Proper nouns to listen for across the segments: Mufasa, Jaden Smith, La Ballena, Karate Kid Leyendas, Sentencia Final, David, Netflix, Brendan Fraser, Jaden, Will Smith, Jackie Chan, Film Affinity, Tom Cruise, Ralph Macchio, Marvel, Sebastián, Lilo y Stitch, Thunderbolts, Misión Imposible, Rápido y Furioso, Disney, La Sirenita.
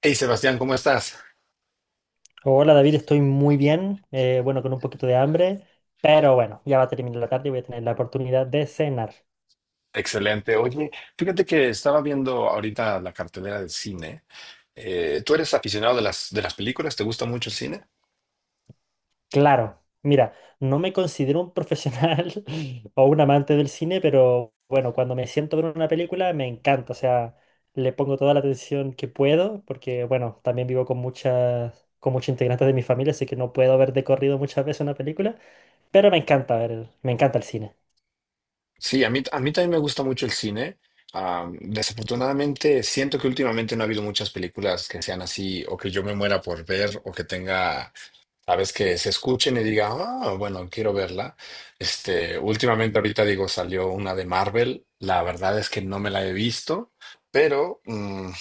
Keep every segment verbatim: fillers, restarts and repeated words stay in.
Hey Sebastián, ¿cómo estás? Hola David, estoy muy bien, eh, bueno, con un poquito de hambre, pero bueno, ya va a terminar la tarde y voy a tener la oportunidad de cenar. Excelente. Oye, fíjate que estaba viendo ahorita la cartelera del cine. Eh, ¿tú eres aficionado de las, de las películas? ¿Te gusta mucho el cine? Claro, mira, no me considero un profesional o un amante del cine, pero bueno, cuando me siento a ver una película me encanta, o sea, le pongo toda la atención que puedo, porque bueno, también vivo con muchas, con muchos integrantes de mi familia, así que no puedo ver de corrido muchas veces una película, pero me encanta ver, me encanta el cine. Sí, a mí, a mí también me gusta mucho el cine. Ah, desafortunadamente, siento que últimamente no ha habido muchas películas que sean así, o que yo me muera por ver, o que tenga sabes que se escuchen y diga, ah, bueno, quiero verla. Este, últimamente ahorita digo, salió una de Marvel. La verdad es que no me la he visto, pero mm,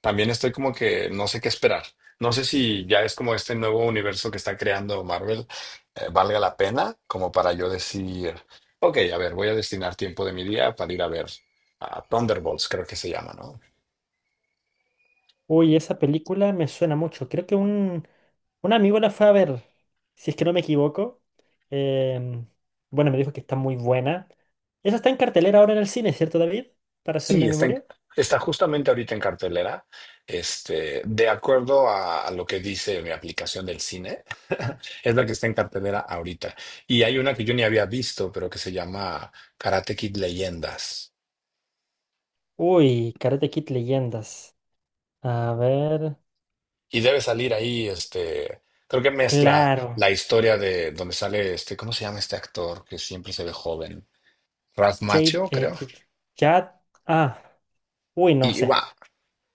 también estoy como que no sé qué esperar. No sé si ya es como este nuevo universo que está creando Marvel, eh, valga la pena, como para yo decir, ok, a ver, voy a destinar tiempo de mi día para ir a ver a Thunderbolts, creo que se llama, ¿no? Uy, esa película me suena mucho. Creo que un, un amigo la fue a ver, si es que no me equivoco. Em, bueno, me dijo que está muy buena. Esa está en cartelera ahora en el cine, ¿cierto, David? Para Sí, hacerme está. en- memoria. está justamente ahorita en cartelera. Este, de acuerdo a, a lo que dice mi aplicación del cine, es la que está en cartelera ahorita. Y hay una que yo ni había visto, pero que se llama Karate Kid Leyendas. Uy, Karate Kid Leyendas. A ver. Y debe salir ahí, este, creo que mezcla Claro. la historia de donde sale este, ¿cómo se llama este actor que siempre se ve joven? Ralph Jade. Macchio, eh, creo. J- Jad- Ah, uy, no Y, y sé. va.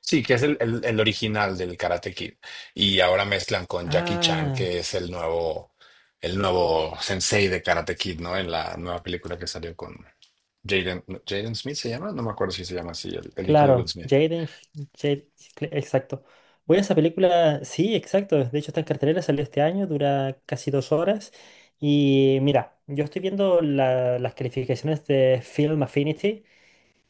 Sí, que es el, el- el original del Karate Kid. Y ahora mezclan con Jackie Chan, Ah. que es el nuevo, el nuevo sensei de Karate Kid, ¿no? En la nueva película que salió con Jaden, Jaden Smith se llama, no me acuerdo si se llama así, el, el hijo de Will Claro, Smith. Jaden, Jade- cl- exacto. Voy a esa película, sí, exacto. De hecho, está en cartelera, salió este año, dura casi dos horas. Y mira, yo estoy viendo la- las calificaciones de Film Affinity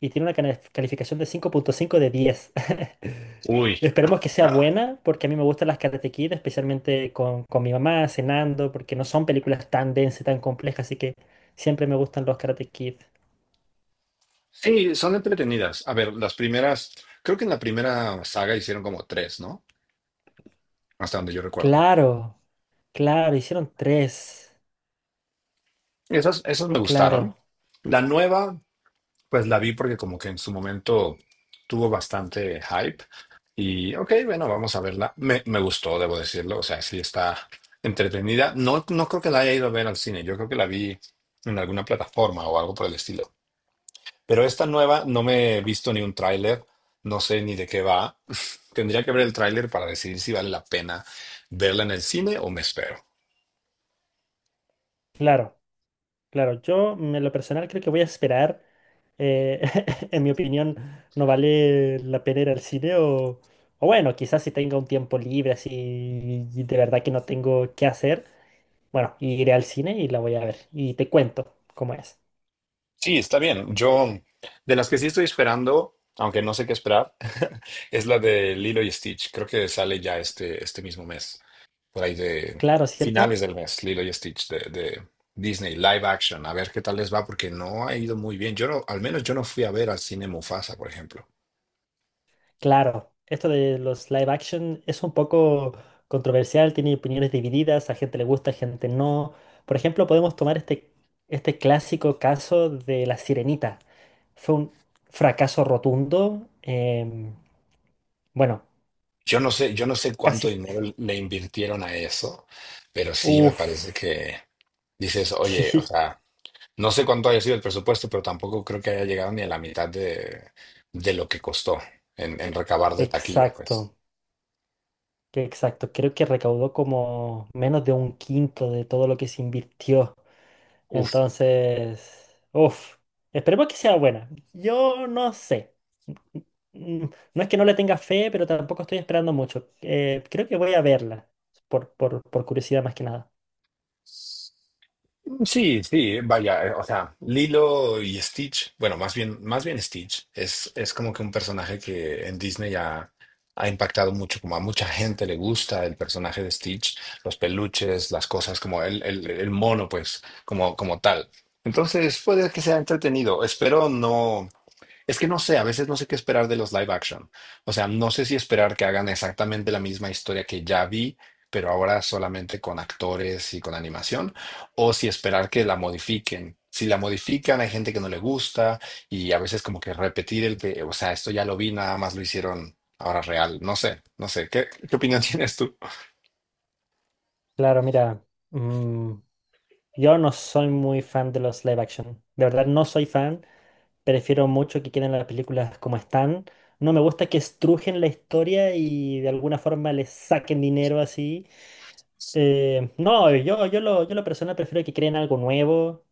y tiene una cana- calificación de cinco punto cinco de diez. Uy. Esperemos que sea Ah. buena, porque a mí me gustan las Karate Kid, especialmente con, con mi mamá, cenando, porque no son películas tan densas, tan complejas, así que siempre me gustan los Karate Kid. Sí, son entretenidas. A ver, las primeras, creo que en la primera saga hicieron como tres, ¿no? Hasta donde yo recuerdo. Claro, claro, hicieron tres. Esas, esas me Claro, gustaron. La nueva. Pues la vi porque como que en su momento tuvo bastante hype y ok, bueno, vamos a verla. Me, me gustó, debo decirlo, o sea, sí está entretenida. No, no creo que la haya ido a ver al cine, yo creo que la vi en alguna plataforma o algo por el estilo. Pero esta nueva no me he visto ni un tráiler, no sé ni de qué va. Tendría que ver el tráiler para decidir si vale la pena verla en el cine o me espero. claro, claro. Yo, mm, en lo personal, creo que voy a esperar. Eh, en mi opinión, no vale la pena ir al cine o, o bueno, quizás si tenga un tiempo libre, así y de verdad que no tengo qué hacer, bueno, iré al cine y la voy a ver y te cuento cómo es. Sí, está bien. Yo, de las que sí estoy esperando, aunque no sé qué esperar, es la de Lilo y Stitch. Creo que sale ya este, este mismo mes, por ahí de Claro, finales ¿cierto? del mes, Lilo y Stitch de, de Disney, live action. A ver qué tal les va, porque no ha ido muy bien. Yo no, al menos yo no fui a ver al cine Mufasa, por ejemplo. Claro, esto de los live action es un poco controversial, tiene opiniones divididas, a gente le gusta, a gente no. Por ejemplo, podemos tomar este, este clásico caso de La Sirenita. Fue un fracaso rotundo. Em, bueno, Yo no sé, yo no sé cuánto casi... dinero le invirtieron a eso, pero sí me parece Uf, que dices, oye, o sí, sea. No sé cuánto haya sido el presupuesto, pero tampoco creo que haya llegado ni a la mitad de, de lo que costó en, en recabar de taquilla, pues. exacto. Que exacto, creo que recaudó como menos de un quinto de todo lo que se invirtió. Uf, Entonces, uff, esperemos que sea buena. Yo no sé. Mm, mm, no es que no le tenga fe, pero tampoco estoy esperando mucho. Eh, creo que voy a verla, por, por, por curiosidad más que nada. sí, sí, vaya, eh, o sea, Lilo y Stitch, bueno, más bien, más bien Stitch, es, es como que un personaje que en Disney ha, ha impactado mucho, como a mucha gente le gusta el personaje de Stitch, los peluches, las cosas, como el, el, el mono, pues, como, como tal. Entonces, puede que sea entretenido. Espero no. Es que no sé, a veces no sé qué esperar de los live action. O sea, no sé si esperar que hagan exactamente la misma historia que ya vi, pero ahora solamente con actores y con animación, o si esperar que la modifiquen. Si la modifican, hay gente que no le gusta y a veces como que repetir el que, o sea, esto ya lo vi, nada más lo hicieron ahora real. No sé, no sé. ¿Qué, qué opinión tienes tú? Claro, mira, mm, yo no soy muy fan de los live action. De verdad, no soy fan. Prefiero mucho que queden las películas como están. No me gusta que estrujen la historia y de alguna forma les saquen dinero así. Eh, no, yo, yo lo, yo lo personal prefiero que creen algo nuevo.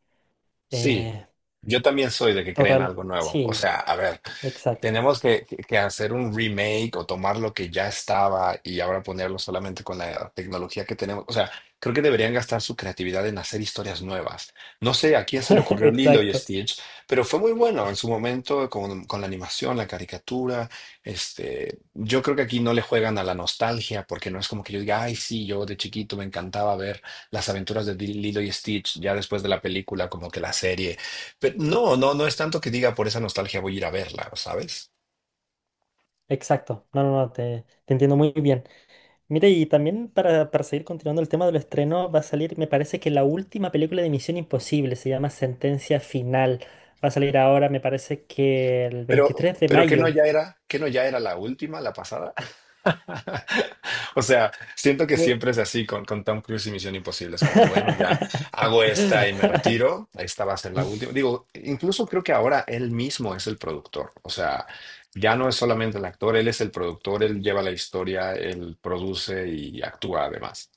Sí, eh, yo también soy de que creen Total, algo nuevo. O sí, sea, a ver. exacto, Tenemos que, que- que hacer un remake o tomar lo que ya estaba y ahora ponerlo solamente con la tecnología que tenemos. O sea, creo que deberían gastar su creatividad en hacer historias nuevas. No sé a quién se le ocurrió Lilo y exacto, Stitch, pero fue muy bueno en su momento con, con la animación, la caricatura. Este, yo creo que aquí no le juegan a la nostalgia porque no es como que yo diga, ay, sí, yo de chiquito me encantaba ver las aventuras de Lilo y Stitch ya después de la película, como que la serie. Pero no, no, no es tanto que diga por esa nostalgia voy a ir a verla, ¿sabes? exacto. No, no, no, te, te entiendo muy bien. Mire, y también para, para seguir continuando el tema del estreno, va a salir, me parece que la última película de Misión Imposible se llama Sentencia Final. Va a salir ahora, me parece que el Pero, veintitrés de pero que no mayo. ya era, que no ya era la última, la pasada. O sea, siento que Uy. siempre es así con, con Tom Cruise y Misión Imposible. Es como de, bueno, ya hago esta y me retiro. Esta va a ser la última. Digo, incluso creo que ahora él mismo es el productor. O sea, ya no es solamente el actor, él es el productor, él lleva la historia, él produce y actúa además.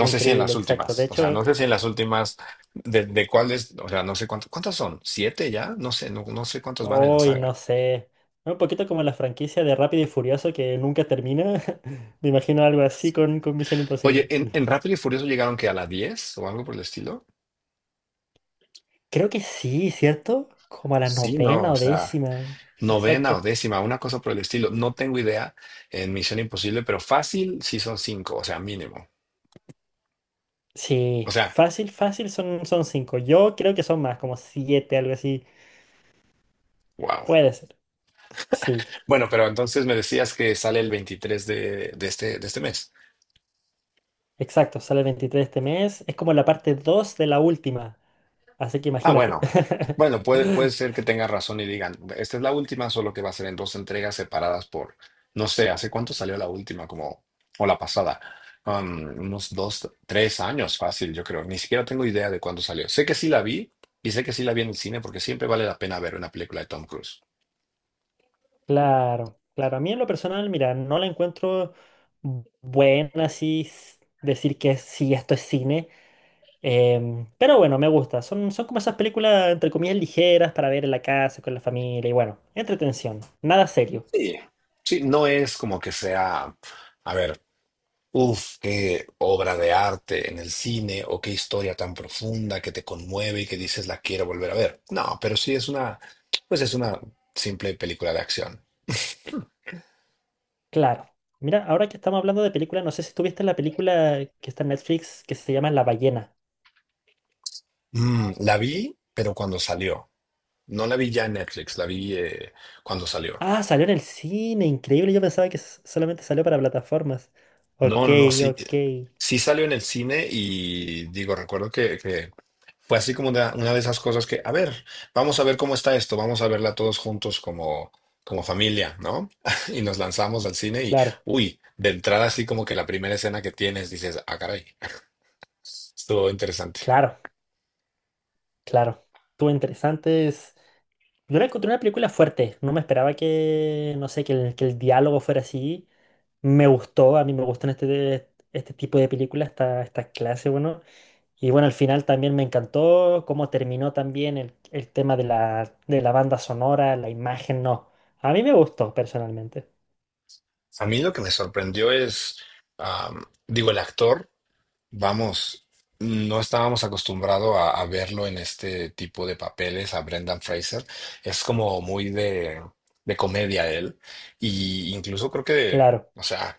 No sé si en increíble, las exacto. últimas, De o sea, no hecho, sé si en las últimas de, de cuáles, o sea, no sé cuántos, ¿cuántas son? ¿Siete ya? No sé, no, no sé cuántos van en la hoy saga. no sé. Un poquito como la franquicia de Rápido y Furioso que nunca termina. Me imagino algo así con, con Misión Oye, Imposible. ¿en, en Rápido y Furioso llegaron que a la diez o algo por el estilo? Creo que sí, ¿cierto? Como a la Sí, no, novena o o sea, décima. novena o Exacto. décima, una cosa por el estilo. No tengo idea en Misión Imposible, pero fácil sí son cinco, o sea, mínimo. O Sí, sea, fácil, fácil son, son cinco. Yo creo que son más, como siete, algo así. wow. Puede ser. Sí, Bueno, pero entonces me decías que sale el veintitrés de, de este, de este mes. exacto. Sale el veintitrés de este mes. Es como la parte dos de la última. Así que Ah, imagínate. bueno. Bueno, puede, puede ser que tenga razón y digan, esta es la última, solo que va a ser en dos entregas separadas por, no sé, ¿hace cuánto salió la última? Como, o la pasada. Um, unos dos, tres años fácil, yo creo. Ni siquiera tengo idea de cuándo salió. Sé que sí la vi y sé que sí la vi en el cine porque siempre vale la pena ver una película de Tom Cruise. Claro, claro. A mí en lo personal, mira, no la encuentro buena así s- decir que sí, esto es cine. Em, pero bueno, me gusta. Son, son como esas películas, entre comillas, ligeras para ver en la casa, con la familia y bueno, entretención. Nada serio. Sí. Sí, no es como que sea, a ver. Uf, qué obra de arte en el cine o qué historia tan profunda que te conmueve y que dices la quiero volver a ver. No, pero sí es una, pues es una simple película de acción. Claro. Mira, ahora que estamos hablando de películas, no sé si tuviste la película que está en Netflix que se llama La Ballena. Mm, la vi, pero cuando salió. No la vi ya en Netflix, la vi eh, cuando salió. Ah, salió en el cine, increíble. Yo pensaba que s- solamente salió para plataformas. No, Ok, no, no, sí, ok. sí salió en el cine y digo, recuerdo que, que Fue así como una, una de esas cosas que, a ver, vamos a ver cómo está esto, vamos a verla todos juntos como, como familia, ¿no? Y nos lanzamos al cine y, Claro. uy, de entrada así como que la primera escena que tienes dices, ah, caray, estuvo interesante. Claro, claro. Estuvo interesante. es- Yo la encontré una película fuerte. No me esperaba que, no sé, que el, que el diálogo fuera así. Me gustó, a mí me gustan este, este tipo de películas, esta, esta clase, bueno. Y bueno, al final también me encantó cómo terminó también el, el tema de la, de la banda sonora, la imagen, no. A mí me gustó personalmente. A mí lo que me sorprendió es, am, digo, el actor, vamos, no estábamos acostumbrados a, a verlo en este tipo de papeles, a Brendan Fraser, es como muy de, de comedia él, y incluso creo que... Claro, O sea,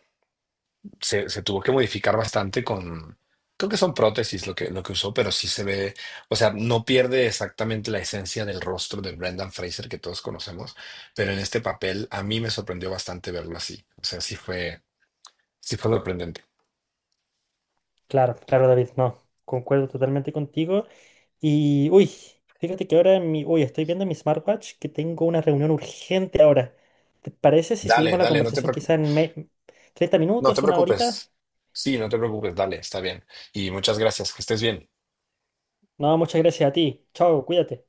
se, se tuvo que modificar bastante con, creo que son prótesis lo que, lo que usó, pero sí se ve, o sea, no pierde exactamente la esencia del rostro de Brendan Fraser que todos conocemos, pero en este papel a mí me sorprendió bastante verlo así. O sea, sí fue, sí fue sorprendente. claro, claro, David, no. Concuerdo totalmente contigo. Y, uy, fíjate que ahora mi, uy, estoy viendo mi smartwatch que tengo una reunión urgente ahora. ¿Te parece si Dale, seguimos la dale, no te conversación preocupes, quizá en me- treinta no te minutos, una horita? preocupes. Sí, no te preocupes, dale, está bien. Y muchas gracias, que estés bien. No, muchas gracias a ti. Chao, cuídate.